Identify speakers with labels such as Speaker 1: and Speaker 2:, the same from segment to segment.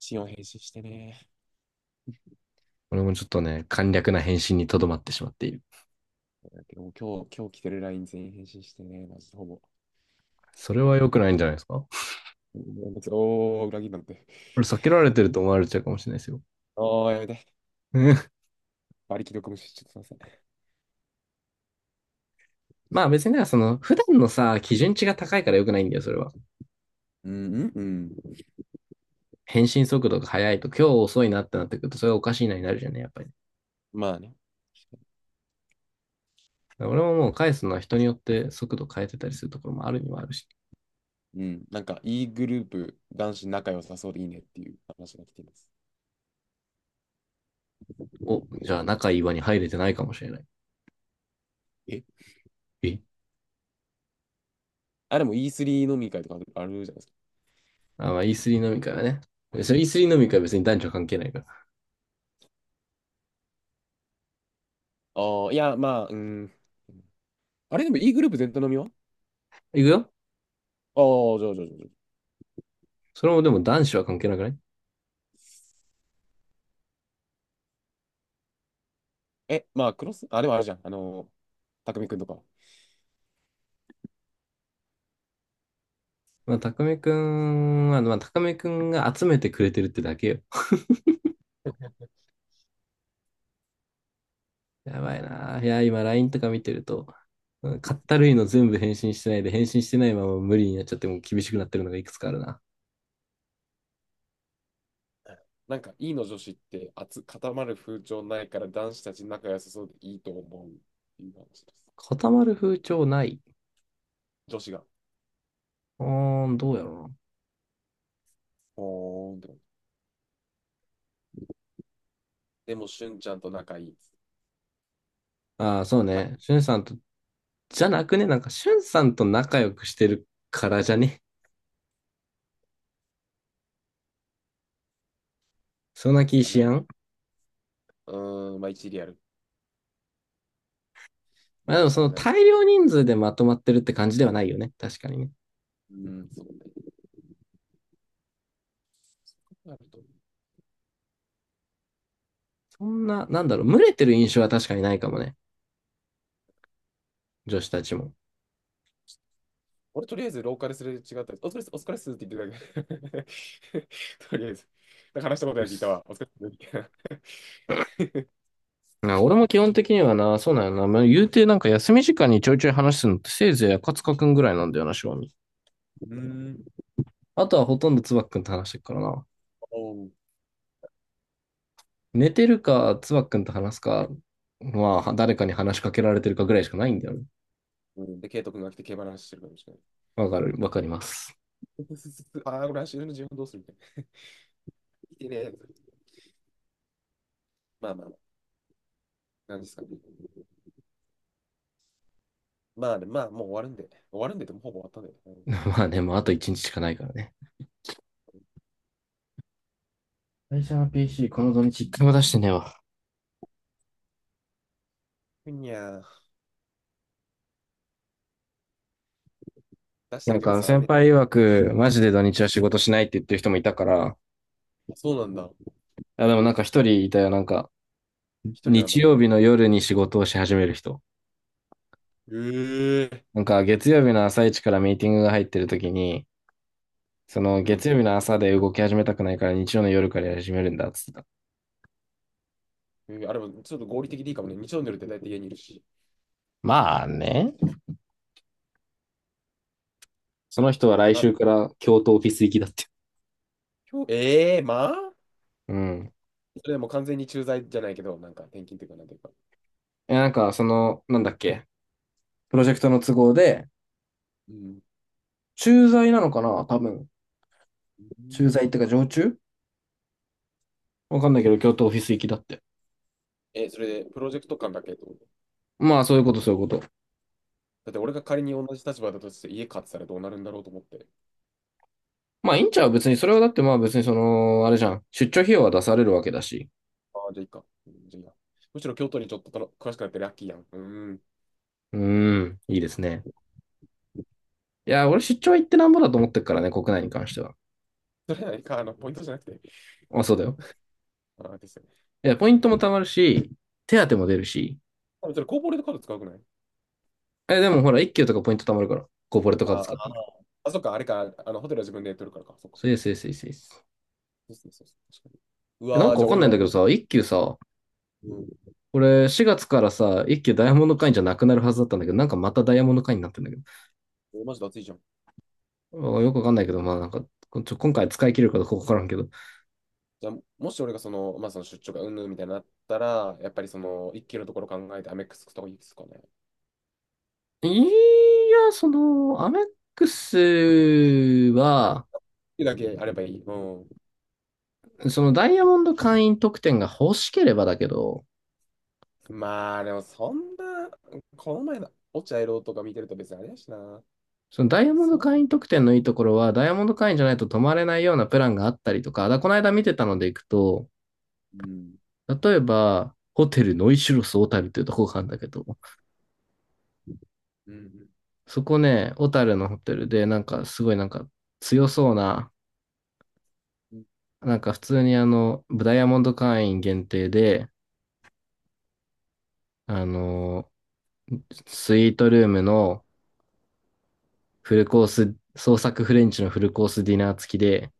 Speaker 1: シーンを返信してね。
Speaker 2: 俺もちょっとね、簡略な返信にとどまってしまっている。
Speaker 1: だけどもう今日来てる LINE 全員返信してね。マジでほぼ。
Speaker 2: それは良くないんじゃないですか。こ
Speaker 1: うんおー、裏切りなんて。
Speaker 2: れ避けられてる と思われちゃうかもしれないですよ。
Speaker 1: おー、やめて。馬力力無視しちゃってません。
Speaker 2: まあ別にね、普段のさ、基準値が高いから良くないんだよ、それは。
Speaker 1: うんうんうん。
Speaker 2: 返信速度が速いと、今日遅いなってなってくると、それはおかしいなになるじゃんね、やっぱり。
Speaker 1: まあね。
Speaker 2: 俺ももう返すのは人によって速度変えてたりするところもあるにはあるし。
Speaker 1: うん。なんか、E グループ、男子仲良さそうでいいねっていう話が来ています。
Speaker 2: お、じゃあ仲いい輪に入れてないかもしれない。
Speaker 1: え
Speaker 2: え
Speaker 1: でも E3 飲み会とかあるじゃないですか。
Speaker 2: まあ E3 飲み会はね。それ E3 飲み会は別に男女関係ないから。
Speaker 1: ああ、いや、まあ、うん。あれでも E グループ全体飲みは、
Speaker 2: 行くよ。
Speaker 1: ああー、じゃあじゃあじゃあじゃあ。
Speaker 2: それもでも男子は関係なくない？
Speaker 1: え、まあ、クロス、あ、でもあるじゃん。あの、たくみくんとか。
Speaker 2: まあ、たくみくんは、まあ、たくみくんが集めてくれてるってだけよ。やばいな。いや、今 LINE とか見てると、買った類の全部返信してないで、返信してないまま無理になっちゃってもう厳しくなってるのがいくつかあるな。
Speaker 1: なんか E の女子って熱固まる風潮ないから男子たち仲良さそうでいいと思うっていう話です。
Speaker 2: 固まる風潮ない。
Speaker 1: 女子が、
Speaker 2: うーん、どうやろ
Speaker 1: ほーんって。でも、しゅんちゃんと仲いいです。
Speaker 2: うな。ああ、そう
Speaker 1: は
Speaker 2: ね。
Speaker 1: い。
Speaker 2: しゅんさんと、じゃなくね、なんかしゅんさんと仲良くしてるからじゃね。そんな気
Speaker 1: だ
Speaker 2: し
Speaker 1: め、
Speaker 2: やん。
Speaker 1: うーん、まあ一理ある。
Speaker 2: まあでも
Speaker 1: 話した
Speaker 2: そ
Speaker 1: こ
Speaker 2: の
Speaker 1: とない。う
Speaker 2: 大量人数でまとまってるって感じではないよね。確かにね。
Speaker 1: ーん、そうね。あると思う。
Speaker 2: そんな、なんだろう、群れてる印象は確かにないかもね。女子たちも。
Speaker 1: 俺とりあえず廊下ですれ違ったやお疲れっす、お疲れっすって言ってただけ。とりあえず。なんか話したこと
Speaker 2: う
Speaker 1: ない
Speaker 2: っ
Speaker 1: やついた
Speaker 2: す。
Speaker 1: わ。お疲れっすみたいな。
Speaker 2: な俺も基本的にはな、そうなんよな。まあ、言うてなんか休み時間にちょいちょい話すのってせいぜい赤塚くんぐらいなんだよな、正味。
Speaker 1: うーん。
Speaker 2: あとはほとんどつばっくんと話してるからな。
Speaker 1: おー、
Speaker 2: 寝てるか、つばっくんと話すか、
Speaker 1: う
Speaker 2: ま
Speaker 1: ん
Speaker 2: あ、誰かに話しかけられてるかぐらいしかないんだよね。
Speaker 1: うん、で、ケイト君が来て競馬の話してるかもしれない。
Speaker 2: わかる、わかります。
Speaker 1: ああ、これ走るの自分どうするみたいな。見てねえ。まあまあまあ。なんですかね。まあね、でまあ、もう終わるんで。終わるんでって、でもうほぼ終わったんでね。う ん。
Speaker 2: まあね、もうあと一日しかないからね。会社の PC、この土日一回も出してねえわ。
Speaker 1: ふにゃー。出して
Speaker 2: なん
Speaker 1: るけど
Speaker 2: か
Speaker 1: さ、あれ
Speaker 2: 先
Speaker 1: ね。
Speaker 2: 輩曰く、マジで土日は仕事しないって言ってる人もいたから、
Speaker 1: そうなんだ。
Speaker 2: あ、でもなんか一人いたよ、
Speaker 1: 一人なんだ、
Speaker 2: 日
Speaker 1: で
Speaker 2: 曜
Speaker 1: も。
Speaker 2: 日の夜に仕事をし始める人。
Speaker 1: えー。
Speaker 2: なんか月曜日の朝一からミーティングが入ってる時に、その
Speaker 1: う
Speaker 2: 月
Speaker 1: ん。
Speaker 2: 曜日の朝で動き始めたくないから日曜の夜からやり始めるんだっつってた。
Speaker 1: あれも、ちょっと合理的でいいかもね。日曜の夜って大体家にいるし。
Speaker 2: まあね。その人は来
Speaker 1: あ
Speaker 2: 週
Speaker 1: と、
Speaker 2: から京都オフィス行きだって。
Speaker 1: 今日、まあ
Speaker 2: うん。
Speaker 1: それでも完全に駐在じゃないけど、なんか転勤っていうか、なんていうか。
Speaker 2: え、なんかなんだっけ、プロジェクトの都合で、
Speaker 1: うん。
Speaker 2: 駐在なのかな多分。駐在ってか常駐、わかんないけど、京都オフィス行きだって。
Speaker 1: え、それで、プロジェクト感だけと思ってこ
Speaker 2: まあそういうこと、そういうこと。
Speaker 1: とだって俺が仮に同じ立場だとして家買ってたらどうなるんだろうと思って。
Speaker 2: まあいいんちゃう別に、それはだってまあ別にあれじゃん。出張費用は出されるわけだし。
Speaker 1: ああ、じゃあいいか。うんじゃあいいや。むしろ京都にちょっとたの詳しくなってラッキーやん。うーん。
Speaker 2: うーん、いいですね。いや、俺出張行ってなんぼだと思ってるからね、国内に関しては。
Speaker 1: それはか、ポイントじゃなくて。
Speaker 2: まあ、そうだよ。
Speaker 1: ああですよね。
Speaker 2: いや、ポイントも貯まるし、手当も出るし。
Speaker 1: あそれ、コーポレートカード使うくない、
Speaker 2: え、でもほら、一級とかポイント貯まるから、コーポレート
Speaker 1: あ、
Speaker 2: カード
Speaker 1: あ
Speaker 2: 使ってる。
Speaker 1: あ、そっか、あれか、ホテルは自分で取るからか。そっか。
Speaker 2: そうです、そうです、そうです。
Speaker 1: そうそうそう確かに。う
Speaker 2: え、なん
Speaker 1: わー、
Speaker 2: か
Speaker 1: じ
Speaker 2: わ
Speaker 1: ゃあ
Speaker 2: かん
Speaker 1: 俺
Speaker 2: ないんだ
Speaker 1: も、
Speaker 2: けどさ、一級さ、
Speaker 1: うん。
Speaker 2: これ4月からさ、一級ダイヤモンド会員じゃなくなるはずだったんだけど、なんかまたダイヤモンド会員になってんだけど。
Speaker 1: 俺マジで暑いじゃん。
Speaker 2: あ、よくわかんないけど、まあなんか、こちょ、今回使い切れるかどうかわからんけど。
Speaker 1: じゃあ、もし俺がその、まあその出張がうんぬんみたいになったら、やっぱりその、一気のところ考えてアメックスとかいいですかね。っ
Speaker 2: いや、アメックスは、
Speaker 1: てだけあればいい。うん。
Speaker 2: そのダイヤモンド会員特典が欲しければだけど、
Speaker 1: まあ、でもそんな、この前の落合郎とか見てると別にあれやしな。
Speaker 2: そのダイヤモンド
Speaker 1: そ
Speaker 2: 会員特典のいいところは、ダイヤモンド会員じゃないと泊まれないようなプランがあったりとか、だからこの間見てたので行くと、
Speaker 1: う。うん。
Speaker 2: 例えば、ホテルノイシュロス小樽っていうとこがあるんだけど、
Speaker 1: うん。
Speaker 2: そこね、小樽のホテルで、なんかすごいなんか強そうな、
Speaker 1: うん、
Speaker 2: なんか普通にダイヤモンド会員限定で、あの、スイートルームのフルコース、創作フレンチのフルコースディナー付きで、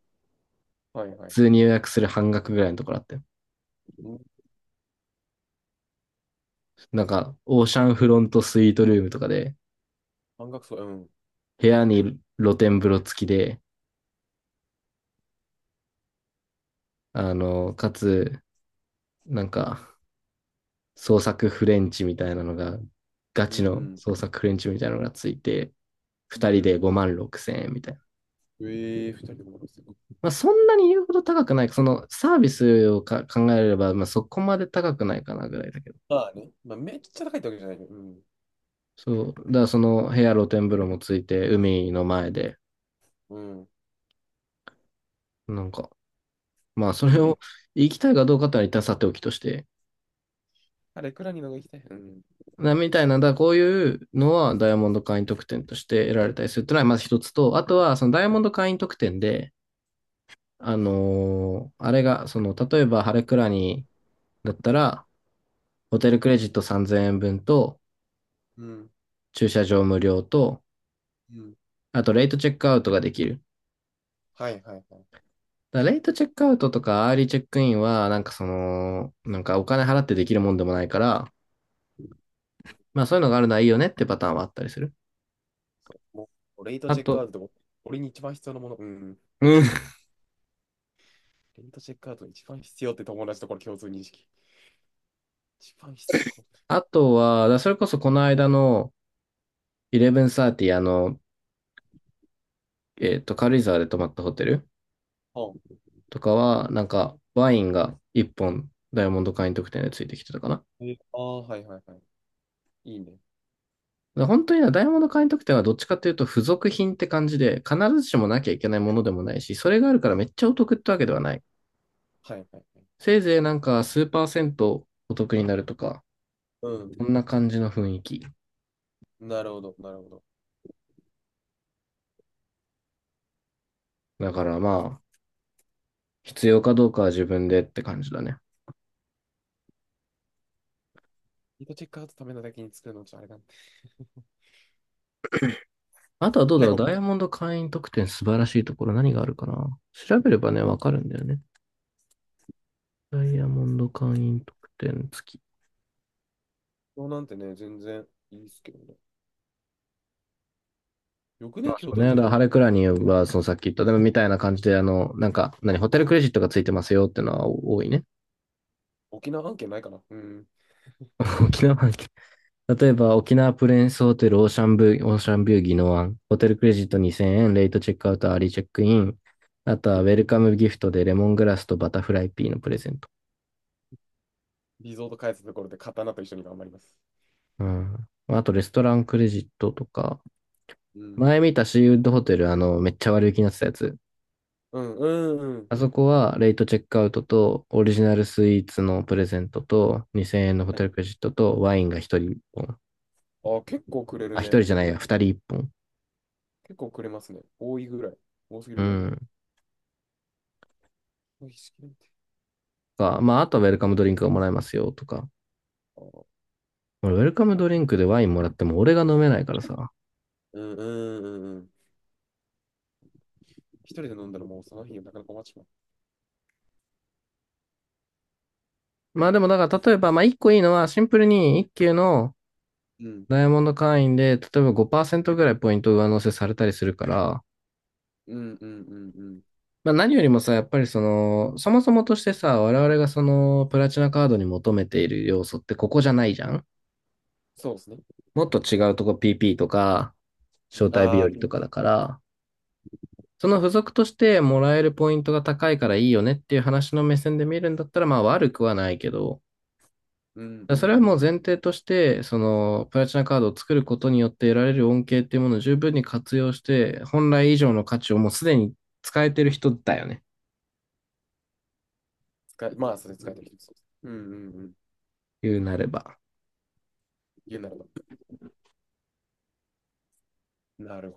Speaker 1: はいは
Speaker 2: 普
Speaker 1: い。
Speaker 2: 通に予約する半額ぐらいのところあって、
Speaker 1: うん。
Speaker 2: オーシャンフロントスイートルームとかで、
Speaker 1: 半額そう。うん。
Speaker 2: 部屋に露天風呂付きで、かつ、なんか、創作フレンチみたいなのが、ガ
Speaker 1: う
Speaker 2: チの
Speaker 1: ん。
Speaker 2: 創作フレンチみたいなのがついて、
Speaker 1: う
Speaker 2: 二
Speaker 1: んう
Speaker 2: 人で
Speaker 1: ん、
Speaker 2: 5万6千円みたいな。
Speaker 1: ええ二人でもすごい。
Speaker 2: まあ、そんなに言うほど高くない。そのサービスをか考えれば、まあ、そこまで高くないかなぐらいだけど。
Speaker 1: まあね。まあ、めっちゃ高いってわけじゃないけど。うん。
Speaker 2: そう。だからその部屋露天風呂もついて、海の前で、
Speaker 1: うん。
Speaker 2: なんか、そ
Speaker 1: いい
Speaker 2: れを
Speaker 1: ね。
Speaker 2: 行きたいかどうかってのは一旦さておきとして、
Speaker 1: あれ、いくらにのが行きたい。うん。
Speaker 2: なみたいな、だからこういうのはダイヤモンド会員特典として得られたりするっていうのはまず一つと、あとはそのダイヤモンド会員特典で、あれが、例えばハレクラニだったら、ホテルクレジット3000円分と、
Speaker 1: うん。
Speaker 2: 駐車場無料と、
Speaker 1: うん。
Speaker 2: あとレイトチェックアウトができる。
Speaker 1: はいはいはい。
Speaker 2: だレイトチェックアウトとかアーリーチェックインは、なんかお金払ってできるもんでもないから、まあそういうのがあるのはいいよねってパターンはあったりする。
Speaker 1: そう。もう、レイト
Speaker 2: あ
Speaker 1: チェックアウ
Speaker 2: と、
Speaker 1: トでも、俺に一番必要なもの。うん。
Speaker 2: うん、
Speaker 1: レイトチェックアウトに一番必要って友達とこれ共通認識。一番必要。
Speaker 2: あとは、だそれこそこの間の、1130、軽
Speaker 1: え、
Speaker 2: 井沢で泊まったホテル
Speaker 1: あ、
Speaker 2: とかは、なんか、ワインが1本、ダイヤモンド会員特典でついてきてたかな。
Speaker 1: えあー、はいはいはい。いいね。
Speaker 2: で本当にねダイヤモンド会員特典はどっちかというと、付属品って感じで、必ずしもなきゃいけないものでもないし、それがあるからめっちゃお得ってわけではない。
Speaker 1: はいはいはい。
Speaker 2: せいぜいなんか、数パーセントお得になるとか、
Speaker 1: うん。
Speaker 2: そんな感じの雰囲気。
Speaker 1: なるほど、なるほど。
Speaker 2: だからまあ、必要かどうかは自分でって感じだね。
Speaker 1: レイトチェックアウトためのだけに作るのちょっとあれなんで。
Speaker 2: あとはどうだ
Speaker 1: 結
Speaker 2: ろう、
Speaker 1: 構、京
Speaker 2: ダイヤモンド会員特典素晴らしいところ何があるかな。調べればね、わかるんだよね。ダイヤモンド会員特典付き。
Speaker 1: 都なんてね、全然いいっすけどね。よく
Speaker 2: ま
Speaker 1: ね、
Speaker 2: あそ
Speaker 1: 京
Speaker 2: う
Speaker 1: 都
Speaker 2: ね。
Speaker 1: にち
Speaker 2: だ
Speaker 1: ょ
Speaker 2: か
Speaker 1: っ
Speaker 2: ら
Speaker 1: と
Speaker 2: ハレクラニーは、そのさっき言った、でもみたいな感じで、ホテルクレジットがついてますよってのは多いね。
Speaker 1: 沖縄案件ないかな。うん。
Speaker 2: 沖縄、例えば沖縄プレンスホテルオーシャンビュー、オーシャンビュー宜野湾、ホテルクレジット2000円、レイトチェックアウト、アーリーチェックイン、あとはウェルカムギフトでレモングラスとバタフライピーのプレゼント。
Speaker 1: リゾート開発のところで刀と一緒に頑張ります。
Speaker 2: うん。あとレストランクレジットとか、
Speaker 1: うん。
Speaker 2: 前見たシーウッドホテル、めっちゃ割引になってたやつ。
Speaker 1: うん、うん、うん。
Speaker 2: あそこはレイトチェックアウトとオリジナルスイーツのプレゼントと2000円のホテルクレジットとワインが1人1本。
Speaker 1: あ、結構くれ
Speaker 2: あ、
Speaker 1: るね。
Speaker 2: 1人じゃないや、2人1本。
Speaker 1: 結構くれますね。多いぐらい。多すぎ
Speaker 2: う
Speaker 1: るぐらい。
Speaker 2: ん。
Speaker 1: 多いすぎるって。
Speaker 2: まあ、あとはウェルカムドリンクがもらえますよとか。
Speaker 1: あー、
Speaker 2: 俺、ウェルカム
Speaker 1: わ、
Speaker 2: ドリンクでワインもらっても俺が飲めないからさ。
Speaker 1: うん、うん、うん、うん。一人で飲んだらもうその日がなかなか終わっちまう。
Speaker 2: まあでもだから例えば、まあ1個いいのはシンプルに1級の
Speaker 1: うん、
Speaker 2: ダイヤモンド会員で、例えば5%ぐらいポイント上乗せされたりするから、
Speaker 1: うん、うん、うん、うん。
Speaker 2: まあ、何よりもさ、やっぱりそもそもとしてさ、我々がプラチナカードに求めている要素ってここじゃないじゃん。
Speaker 1: そうですね。
Speaker 2: もっと違うとこ PP とか、招待日
Speaker 1: ああ、
Speaker 2: 和
Speaker 1: ピ、
Speaker 2: とかだから、その付属としてもらえるポイントが高いからいいよねっていう話の目線で見るんだったら、まあ悪くはないけど、
Speaker 1: うん、う
Speaker 2: だからそれ
Speaker 1: ん、
Speaker 2: は
Speaker 1: う
Speaker 2: もう前
Speaker 1: ん。
Speaker 2: 提として、プラチナカードを作ることによって得られる恩恵っていうものを十分に活用して、本来以上の価値をもうすでに使えてる人だよね。
Speaker 1: 使い、まあ、それ使えてる人そうです。うん、うん、うん。
Speaker 2: 言うなれば。
Speaker 1: 言うならば。なる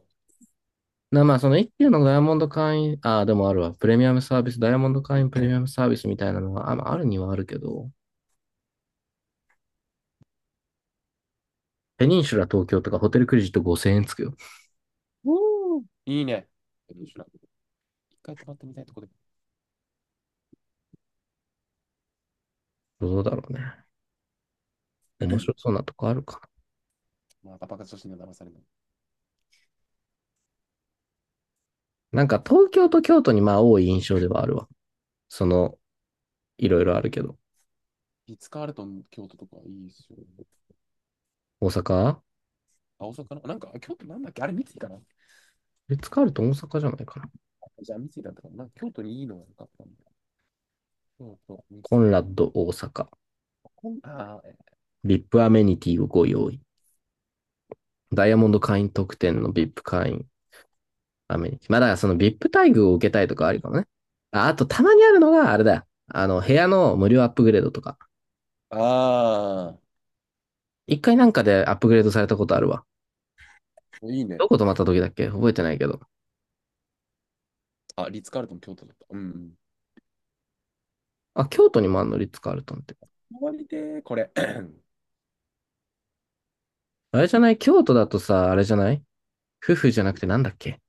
Speaker 2: な、まあ、その一級のダイヤモンド会員、ああ、でもあるわ。プレミアムサービス、ダイヤモンド会員プレミアムサービスみたいなのは、あ、まあ、あるにはあるけど、ペニンシュラ東京とかホテルクレジット5000円つくよ。
Speaker 1: ほど。うー、いいね。一回泊まってみたいとこで。
Speaker 2: どうだろうね。面 白そうなとこあるか
Speaker 1: また爆発女子には騙されない。
Speaker 2: な。なんか東京と京都にまあ多い印象ではあるわ。その、いろいろあるけど。
Speaker 1: リッツ・カールトン、京都とかいいですよ。
Speaker 2: 大阪
Speaker 1: あ、大阪かな、なんか、あ京都なんだっけあれ、三井かな。
Speaker 2: リッツカールトン大阪じゃないかな。
Speaker 1: じゃあ、三井だったかな、なんか京都にいいのが良かったんだ。京都、三
Speaker 2: コンラッ
Speaker 1: 井。
Speaker 2: ド大阪。
Speaker 1: こんあー、え、
Speaker 2: VIP アイピーアメニティをご用意。ダイヤモンド会員特典の VIP 会員。アメニティ。まあだからその VIP 待遇を受けたいとかありかもね。あ、あとたまにあるのがあれだよ。部屋の無料アップグレードとか。
Speaker 1: あ
Speaker 2: 一回なんかでアップグレードされたことあるわ。
Speaker 1: ー、いいね。
Speaker 2: どこ泊まった時だっけ覚えてないけど。
Speaker 1: あ、リッツ・カールトン、京都だった。うん、
Speaker 2: あ、京都にもあんのリッツカールトンって。
Speaker 1: 終わりで、これ。
Speaker 2: あれじゃない京都だとさ、あれじゃない夫婦じゃなくてなんだっけ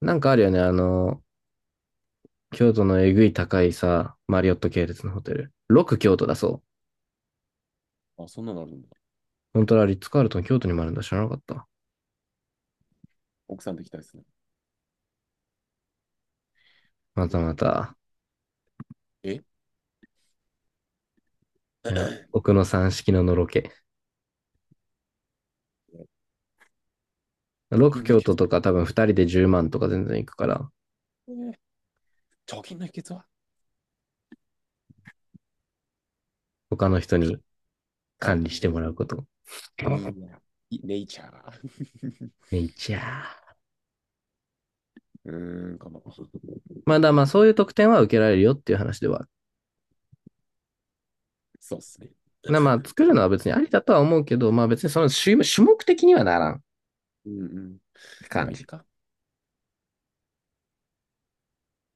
Speaker 2: なんかあるよね。京都のえぐい高いさ、マリオット系列のホテル。6京都だそう。
Speaker 1: あ、そんなのあるんだ。
Speaker 2: 本当はリッツカールトン京都にもあるんだ。知らなかった。
Speaker 1: 奥さんできたいですね。
Speaker 2: また
Speaker 1: 六
Speaker 2: ま
Speaker 1: 京都。
Speaker 2: た。
Speaker 1: え
Speaker 2: いや、奥の三式ののろけ。
Speaker 1: 貯金
Speaker 2: 6
Speaker 1: の秘
Speaker 2: 京都
Speaker 1: 訣。
Speaker 2: とか多分2人で10万とか全然いくから、
Speaker 1: えー、貯金の秘訣は
Speaker 2: 他の人
Speaker 1: か
Speaker 2: に
Speaker 1: 管
Speaker 2: 管
Speaker 1: 理
Speaker 2: 理
Speaker 1: し
Speaker 2: し
Speaker 1: て
Speaker 2: ても
Speaker 1: も、
Speaker 2: らうこと。
Speaker 1: みんな、いネイチャー。
Speaker 2: ね、いちゃー。
Speaker 1: うーん、かな。
Speaker 2: まあだ、まあそういう特典は受けられるよっていう話ではある。
Speaker 1: そうっすね。
Speaker 2: なまあ作るのは別にありだとは思うけど、まあ別にその種種目的にはならんっ
Speaker 1: うんうん。
Speaker 2: て
Speaker 1: まあ、
Speaker 2: 感
Speaker 1: いっ
Speaker 2: じ。
Speaker 1: か。